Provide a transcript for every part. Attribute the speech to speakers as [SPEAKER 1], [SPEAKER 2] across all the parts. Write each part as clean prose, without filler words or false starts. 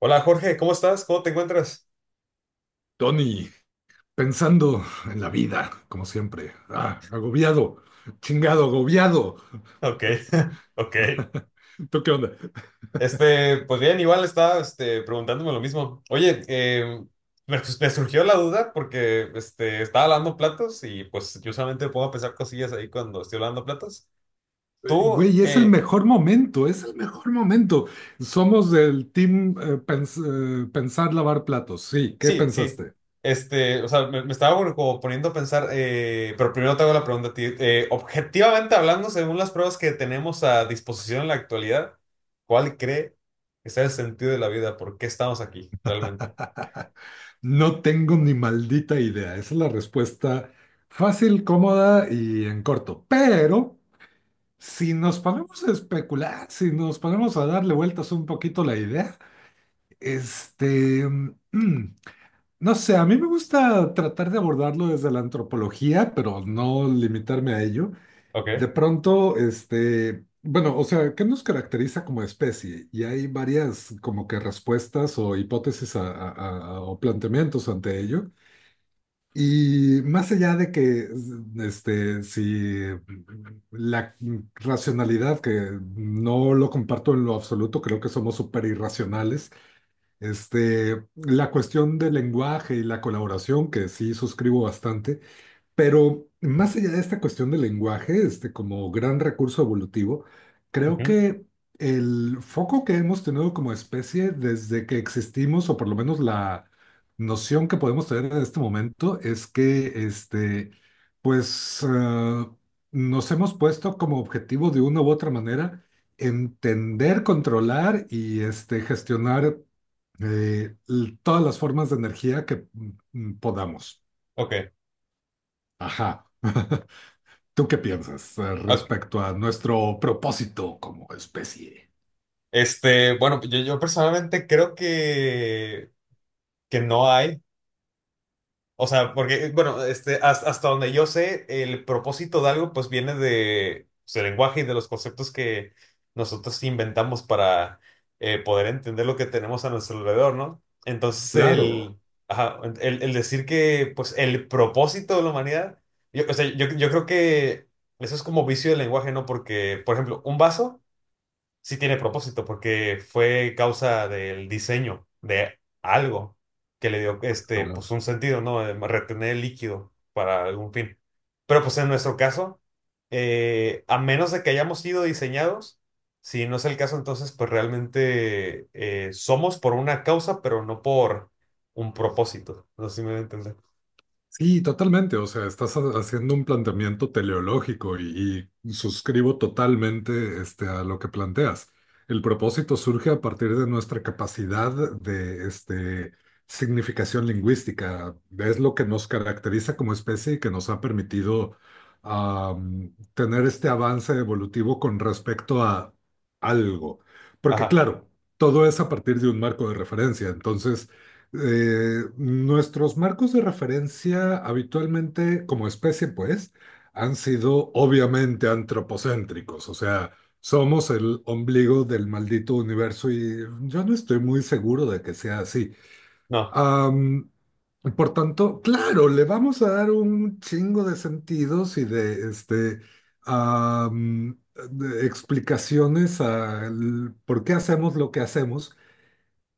[SPEAKER 1] Hola Jorge, ¿cómo estás? ¿Cómo te encuentras?
[SPEAKER 2] Tony, pensando en la vida, como siempre. Agobiado, chingado, agobiado.
[SPEAKER 1] Ok, ok.
[SPEAKER 2] ¿Tú qué onda?
[SPEAKER 1] Pues bien, igual estaba preguntándome lo mismo. Oye, me surgió la duda porque estaba lavando platos y pues yo solamente puedo pensar cosillas ahí cuando estoy lavando platos. ¿Tú,
[SPEAKER 2] Güey, es el mejor momento, es el mejor momento. Somos del team pensar lavar platos. Sí, ¿qué
[SPEAKER 1] Sí, sí.
[SPEAKER 2] pensaste?
[SPEAKER 1] Me estaba bueno, como poniendo a pensar, pero primero te hago la pregunta a ti. Objetivamente hablando, según las pruebas que tenemos a disposición en la actualidad, ¿cuál cree que sea el sentido de la vida? ¿Por qué estamos aquí realmente?
[SPEAKER 2] No tengo ni maldita idea. Esa es la respuesta fácil, cómoda y en corto. Pero si nos ponemos a especular, si nos ponemos a darle vueltas un poquito la idea. Este, mm, no sé, a mí me gusta tratar de abordarlo desde la antropología, pero no limitarme a ello. De
[SPEAKER 1] Ok.
[SPEAKER 2] pronto, bueno, o sea, ¿qué nos caracteriza como especie? Y hay varias como que respuestas o hipótesis o planteamientos ante ello. Y más allá de que, si la racionalidad, que no lo comparto en lo absoluto, creo que somos súper irracionales, la cuestión del lenguaje y la colaboración, que sí suscribo bastante, pero más allá de esta cuestión del lenguaje, como gran recurso evolutivo, creo
[SPEAKER 1] Ujú.
[SPEAKER 2] que el foco que hemos tenido como especie desde que existimos, o por lo menos la noción que podemos tener en este momento, es que pues eh, nos hemos puesto como objetivo de una u otra manera entender, controlar y gestionar todas las formas de energía que podamos.
[SPEAKER 1] Ok.
[SPEAKER 2] Ajá. ¿Tú qué piensas
[SPEAKER 1] Ok.
[SPEAKER 2] respecto a nuestro propósito como especie?
[SPEAKER 1] Bueno, yo personalmente creo que no hay. O sea, porque, bueno, hasta donde yo sé, el propósito de algo pues viene de, pues, del lenguaje y de los conceptos que nosotros inventamos para poder entender lo que tenemos a nuestro alrededor, ¿no?
[SPEAKER 2] Claro.
[SPEAKER 1] Ajá, el decir que pues el propósito de la humanidad, yo creo que eso es como vicio del lenguaje, ¿no? Porque, por ejemplo, un vaso sí tiene propósito porque fue causa del diseño de algo que le dio pues un sentido, ¿no? De retener el líquido para algún fin. Pero pues en nuestro caso, a menos de que hayamos sido diseñados, si no es el caso, entonces pues realmente somos por una causa, pero no por un propósito. No sé si me voy a entender.
[SPEAKER 2] Sí, totalmente. O sea, estás haciendo un planteamiento teleológico y suscribo totalmente a lo que planteas. El propósito surge a partir de nuestra capacidad de significación lingüística. Es lo que nos caracteriza como especie y que nos ha permitido, tener este avance evolutivo con respecto a algo. Porque
[SPEAKER 1] Ajá,
[SPEAKER 2] claro, todo es a partir de un marco de referencia. Entonces... nuestros marcos de referencia habitualmente, como especie, pues, han sido obviamente antropocéntricos, o sea, somos el ombligo del maldito universo y yo no estoy muy seguro de que sea así.
[SPEAKER 1] no.
[SPEAKER 2] Am, por tanto, claro, le vamos a dar un chingo de sentidos y de, am, de explicaciones al por qué hacemos lo que hacemos.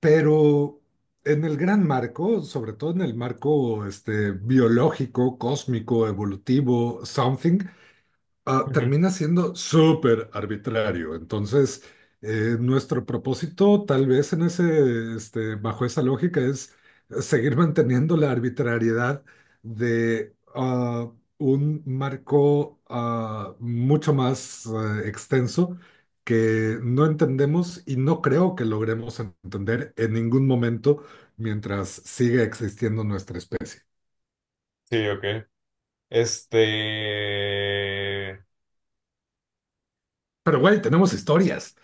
[SPEAKER 2] Pero en el gran marco, sobre todo en el marco biológico, cósmico, evolutivo, something,
[SPEAKER 1] Ujú.
[SPEAKER 2] termina siendo súper arbitrario. Entonces, nuestro propósito, tal vez en bajo esa lógica, es seguir manteniendo la arbitrariedad de un marco mucho más extenso que no entendemos y no creo que logremos entender en ningún momento mientras siga existiendo nuestra especie.
[SPEAKER 1] Sí, ok. Este...
[SPEAKER 2] Pero, güey, tenemos historias.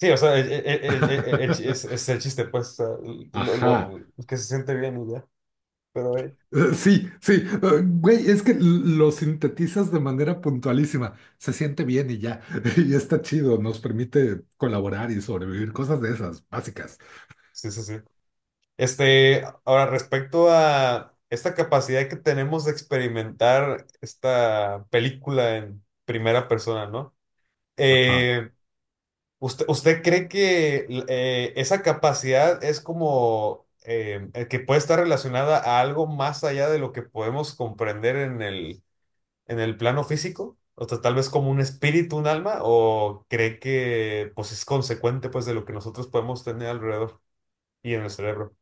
[SPEAKER 1] Sí, o sea, es el chiste, pues,
[SPEAKER 2] Ajá.
[SPEAKER 1] que se siente bien y ya, pero
[SPEAKER 2] Sí, sí, güey, es que lo sintetizas de manera puntualísima, se siente bien y ya, y está chido, nos permite colaborar y sobrevivir, cosas de esas, básicas.
[SPEAKER 1] sí, sí, sí. Ahora, respecto a esta capacidad que tenemos de experimentar esta película en primera persona, ¿no?
[SPEAKER 2] Ajá.
[SPEAKER 1] Eh, usted cree que esa capacidad es como que puede estar relacionada a algo más allá de lo que podemos comprender en el plano físico? O sea, tal vez como un espíritu, un alma, o cree que pues es consecuente pues de lo que nosotros podemos tener alrededor y en el cerebro.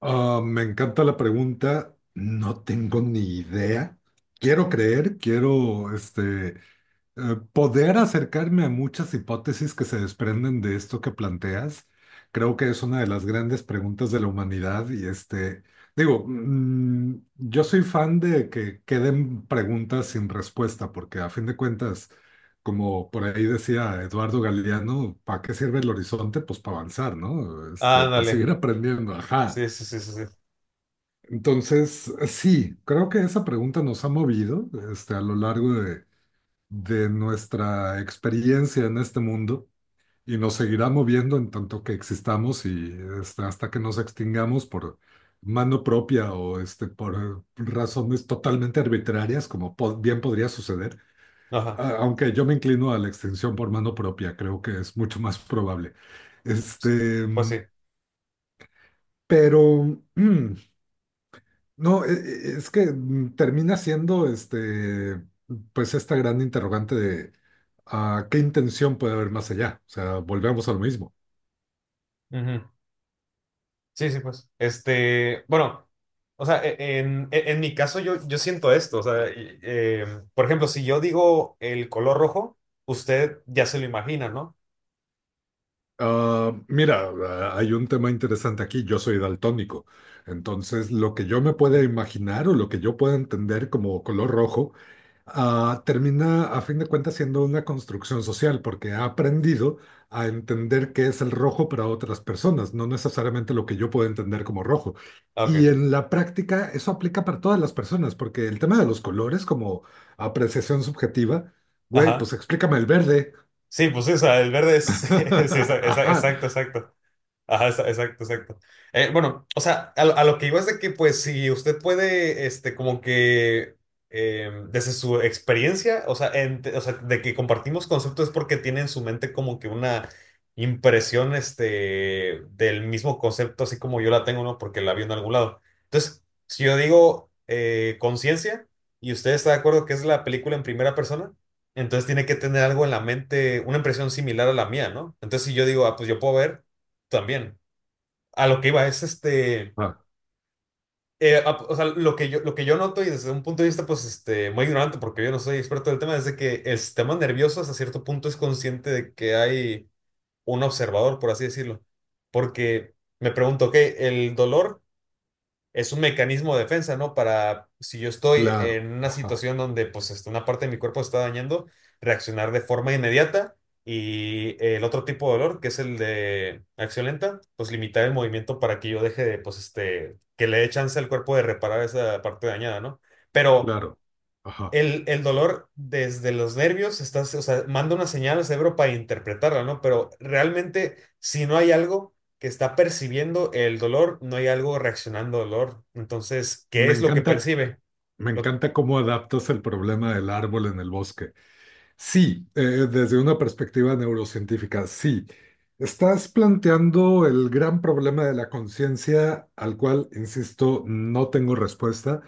[SPEAKER 2] Me encanta la pregunta, no tengo ni idea, quiero creer, quiero, poder acercarme a muchas hipótesis que se desprenden de esto que planteas, creo que es una de las grandes preguntas de la humanidad y digo, yo soy fan de que queden preguntas sin respuesta, porque a fin de cuentas, como por ahí decía Eduardo Galeano, ¿para qué sirve el horizonte? Pues para avanzar, ¿no? Este, para seguir
[SPEAKER 1] Ándale.
[SPEAKER 2] aprendiendo, ajá.
[SPEAKER 1] Sí, sí, sí, sí, sí.
[SPEAKER 2] Entonces, sí, creo que esa pregunta nos ha movido, a lo largo de nuestra experiencia en este mundo y nos seguirá moviendo en tanto que existamos y hasta que nos extingamos por mano propia o por razones totalmente arbitrarias, como bien podría suceder.
[SPEAKER 1] Ajá.
[SPEAKER 2] Aunque yo me inclino a la extinción por mano propia, creo que es mucho más probable. Este,
[SPEAKER 1] Pues sí.
[SPEAKER 2] mm, pero mm, no, es que termina siendo pues esta gran interrogante de qué intención puede haber más allá. O sea, volvemos a lo mismo.
[SPEAKER 1] Ujú. Sí, sí, pues. Este, bueno, en mi caso yo siento esto. O sea, por ejemplo, si yo digo el color rojo, usted ya se lo imagina, ¿no?
[SPEAKER 2] Mira, hay un tema interesante aquí. Yo soy daltónico. Entonces, lo que yo me pueda imaginar o lo que yo pueda entender como color rojo termina a fin de cuentas siendo una construcción social porque ha aprendido a entender qué es el rojo para otras personas, no necesariamente lo que yo puedo entender como rojo.
[SPEAKER 1] Ah,
[SPEAKER 2] Y
[SPEAKER 1] ok.
[SPEAKER 2] en la práctica eso aplica para todas las personas porque el tema de los colores como apreciación subjetiva, güey, pues
[SPEAKER 1] Ajá.
[SPEAKER 2] explícame el verde.
[SPEAKER 1] Sí, pues sí, o sea, el verde es. Sí,
[SPEAKER 2] Ajá.
[SPEAKER 1] exacto, exacto. Ajá, exacto, exacto. Bueno, a lo que iba es de que, pues, si usted puede, como que, desde su experiencia, o sea, de que compartimos conceptos es porque tiene en su mente como que una impresión, del mismo concepto, así como yo la tengo, ¿no? Porque la vi en algún lado. Entonces, si yo digo conciencia y usted está de acuerdo que es la película en primera persona, entonces tiene que tener algo en la mente, una impresión similar a la mía, ¿no? Entonces, si yo digo, ah, pues yo puedo ver. También a lo que iba es
[SPEAKER 2] Ah,
[SPEAKER 1] o sea, lo que yo noto y desde un punto de vista, pues, muy ignorante, porque yo no soy experto del tema, es de que el sistema nervioso hasta cierto punto es consciente de que hay un observador, por así decirlo. Porque me pregunto, ok, el dolor es un mecanismo de defensa, ¿no? Para si yo estoy
[SPEAKER 2] claro,
[SPEAKER 1] en una
[SPEAKER 2] ajá,
[SPEAKER 1] situación donde pues una parte de mi cuerpo se está dañando, reaccionar de forma inmediata y el otro tipo de dolor, que es el de acción lenta, pues limitar el movimiento para que yo deje de, pues que le dé chance al cuerpo de reparar esa parte dañada, ¿no? Pero
[SPEAKER 2] claro, ajá.
[SPEAKER 1] el dolor desde los nervios, estás, o sea, manda una señal al cerebro para interpretarla, ¿no? Pero realmente, si no hay algo que está percibiendo el dolor, no hay algo reaccionando al dolor. Entonces, ¿qué
[SPEAKER 2] Me
[SPEAKER 1] es lo que
[SPEAKER 2] encanta,
[SPEAKER 1] percibe?
[SPEAKER 2] me
[SPEAKER 1] Lo,
[SPEAKER 2] encanta cómo adaptas el problema del árbol en el bosque. Sí, desde una perspectiva neurocientífica, sí. Estás planteando el gran problema de la conciencia, al cual, insisto, no tengo respuesta.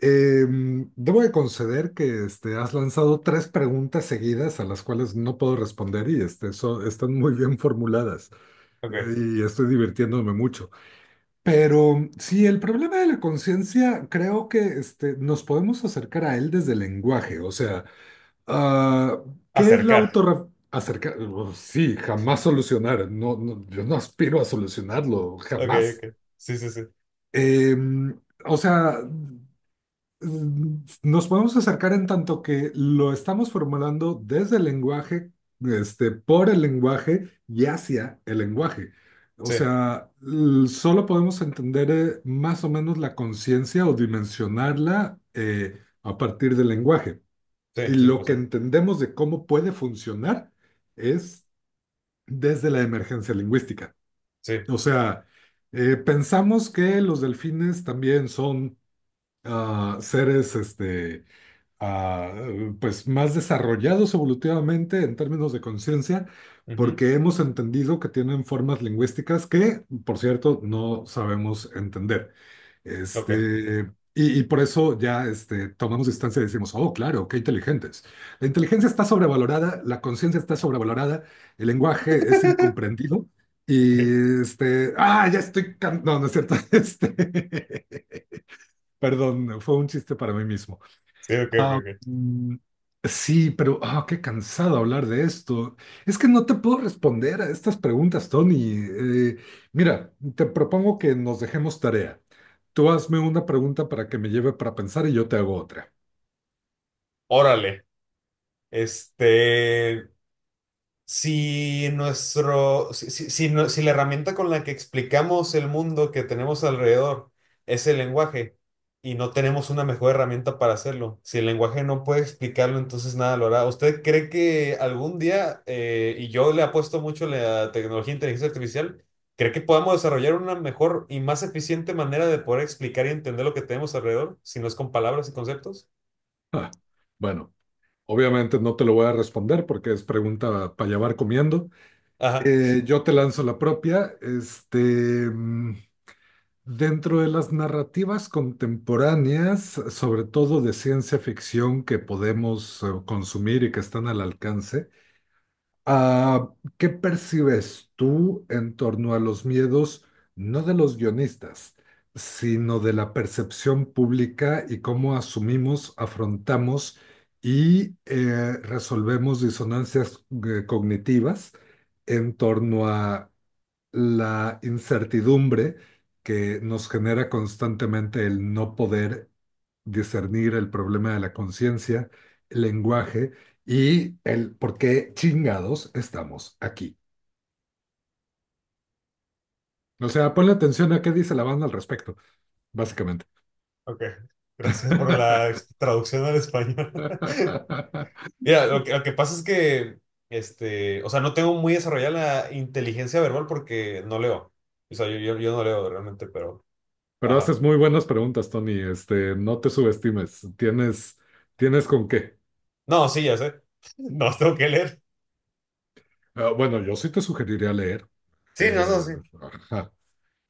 [SPEAKER 2] Debo de conceder que has lanzado tres preguntas seguidas a las cuales no puedo responder y están muy bien formuladas
[SPEAKER 1] ok,
[SPEAKER 2] y estoy divirtiéndome mucho. Pero sí, el problema de la conciencia, creo que nos podemos acercar a él desde el lenguaje, o sea... Ah, ¿qué es la
[SPEAKER 1] acercar.
[SPEAKER 2] autorreflexión? Acerca, sí, jamás solucionar. No, no, yo no aspiro a solucionarlo,
[SPEAKER 1] Ok,
[SPEAKER 2] jamás.
[SPEAKER 1] ok. Sí, sí, sí.
[SPEAKER 2] Em, o sea, nos podemos acercar en tanto que lo estamos formulando desde el lenguaje, por el lenguaje y hacia el lenguaje. O
[SPEAKER 1] Sí,
[SPEAKER 2] sea, solo podemos entender más o menos la conciencia o dimensionarla a partir del lenguaje.
[SPEAKER 1] sí,
[SPEAKER 2] Y
[SPEAKER 1] sí,
[SPEAKER 2] lo
[SPEAKER 1] pues sí.
[SPEAKER 2] que entendemos de cómo puede funcionar es desde la emergencia lingüística.
[SPEAKER 1] Sí.
[SPEAKER 2] O sea, pensamos que los delfines también son seres ah, pues más desarrollados evolutivamente en términos de conciencia,
[SPEAKER 1] Ujú,
[SPEAKER 2] porque hemos entendido que tienen formas lingüísticas que, por cierto, no sabemos entender.
[SPEAKER 1] ok.
[SPEAKER 2] Y por eso ya tomamos distancia y decimos, oh, claro, qué inteligentes. La inteligencia está sobrevalorada, la conciencia está sobrevalorada, el lenguaje es incomprendido.
[SPEAKER 1] Ok.
[SPEAKER 2] Y ya estoy, no, no es cierto, perdón, fue un chiste para mí mismo.
[SPEAKER 1] Sí, ok, ok,
[SPEAKER 2] Ah,
[SPEAKER 1] ok.
[SPEAKER 2] mm, sí, pero qué cansado hablar de esto. Es que no te puedo responder a estas preguntas, Tony. Mira, te propongo que nos dejemos tarea. Tú hazme una pregunta para que me lleve para pensar y yo te hago otra.
[SPEAKER 1] Órale. Este. Si nuestro, si, si- si no- Si la herramienta con la que explicamos el mundo que tenemos alrededor es el lenguaje y no tenemos una mejor herramienta para hacerlo, si el lenguaje no puede explicarlo, entonces nada lo hará. ¿Usted cree que algún día, y yo le apuesto mucho a la tecnología de inteligencia artificial, cree que podamos desarrollar una mejor y más eficiente manera de poder explicar y entender lo que tenemos alrededor, si no es con palabras y conceptos?
[SPEAKER 2] Ah, bueno, obviamente no te lo voy a responder porque es pregunta para llevar comiendo.
[SPEAKER 1] Ajá,
[SPEAKER 2] Yo te lanzo la propia. Mm, Dentro de las narrativas contemporáneas, sobre todo de ciencia ficción que podemos consumir y que están al alcance, ah, ¿qué percibes tú en torno a los miedos, no de los guionistas, sino de la percepción pública y cómo asumimos, afrontamos y resolvemos disonancias cognitivas en torno a la incertidumbre que nos genera constantemente el no poder discernir el problema de la conciencia, el lenguaje y el por qué chingados estamos aquí. O sea, ponle atención a qué dice la banda al respecto, básicamente.
[SPEAKER 1] ok. Gracias por la ex- traducción al español. Mira, lo que pasa es que, no tengo muy desarrollada la inteligencia verbal porque no leo. O sea, yo no leo realmente, pero,
[SPEAKER 2] Pero
[SPEAKER 1] ajá.
[SPEAKER 2] haces muy buenas preguntas, Tony. No te subestimes. Tienes, tienes con qué.
[SPEAKER 1] No, sí, ya sé. No, tengo que leer.
[SPEAKER 2] Bueno, yo sí te sugeriría leer.
[SPEAKER 1] Sí, no, no,
[SPEAKER 2] Eh,
[SPEAKER 1] sí.
[SPEAKER 2] ajá.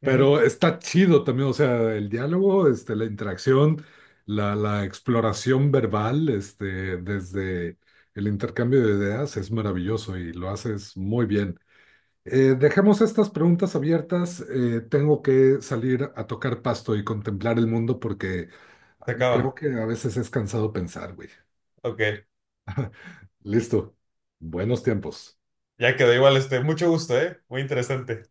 [SPEAKER 1] Ujú.
[SPEAKER 2] Pero está chido también, o sea, el diálogo, la interacción, la exploración verbal, desde el intercambio de ideas es maravilloso y lo haces muy bien. Dejemos estas preguntas abiertas. Tengo que salir a tocar pasto y contemplar el mundo porque
[SPEAKER 1] Se
[SPEAKER 2] creo
[SPEAKER 1] acaba.
[SPEAKER 2] que a veces es cansado pensar, güey.
[SPEAKER 1] Ok.
[SPEAKER 2] Listo. Buenos tiempos.
[SPEAKER 1] Ya quedó igual, mucho gusto, ¿eh? Muy interesante.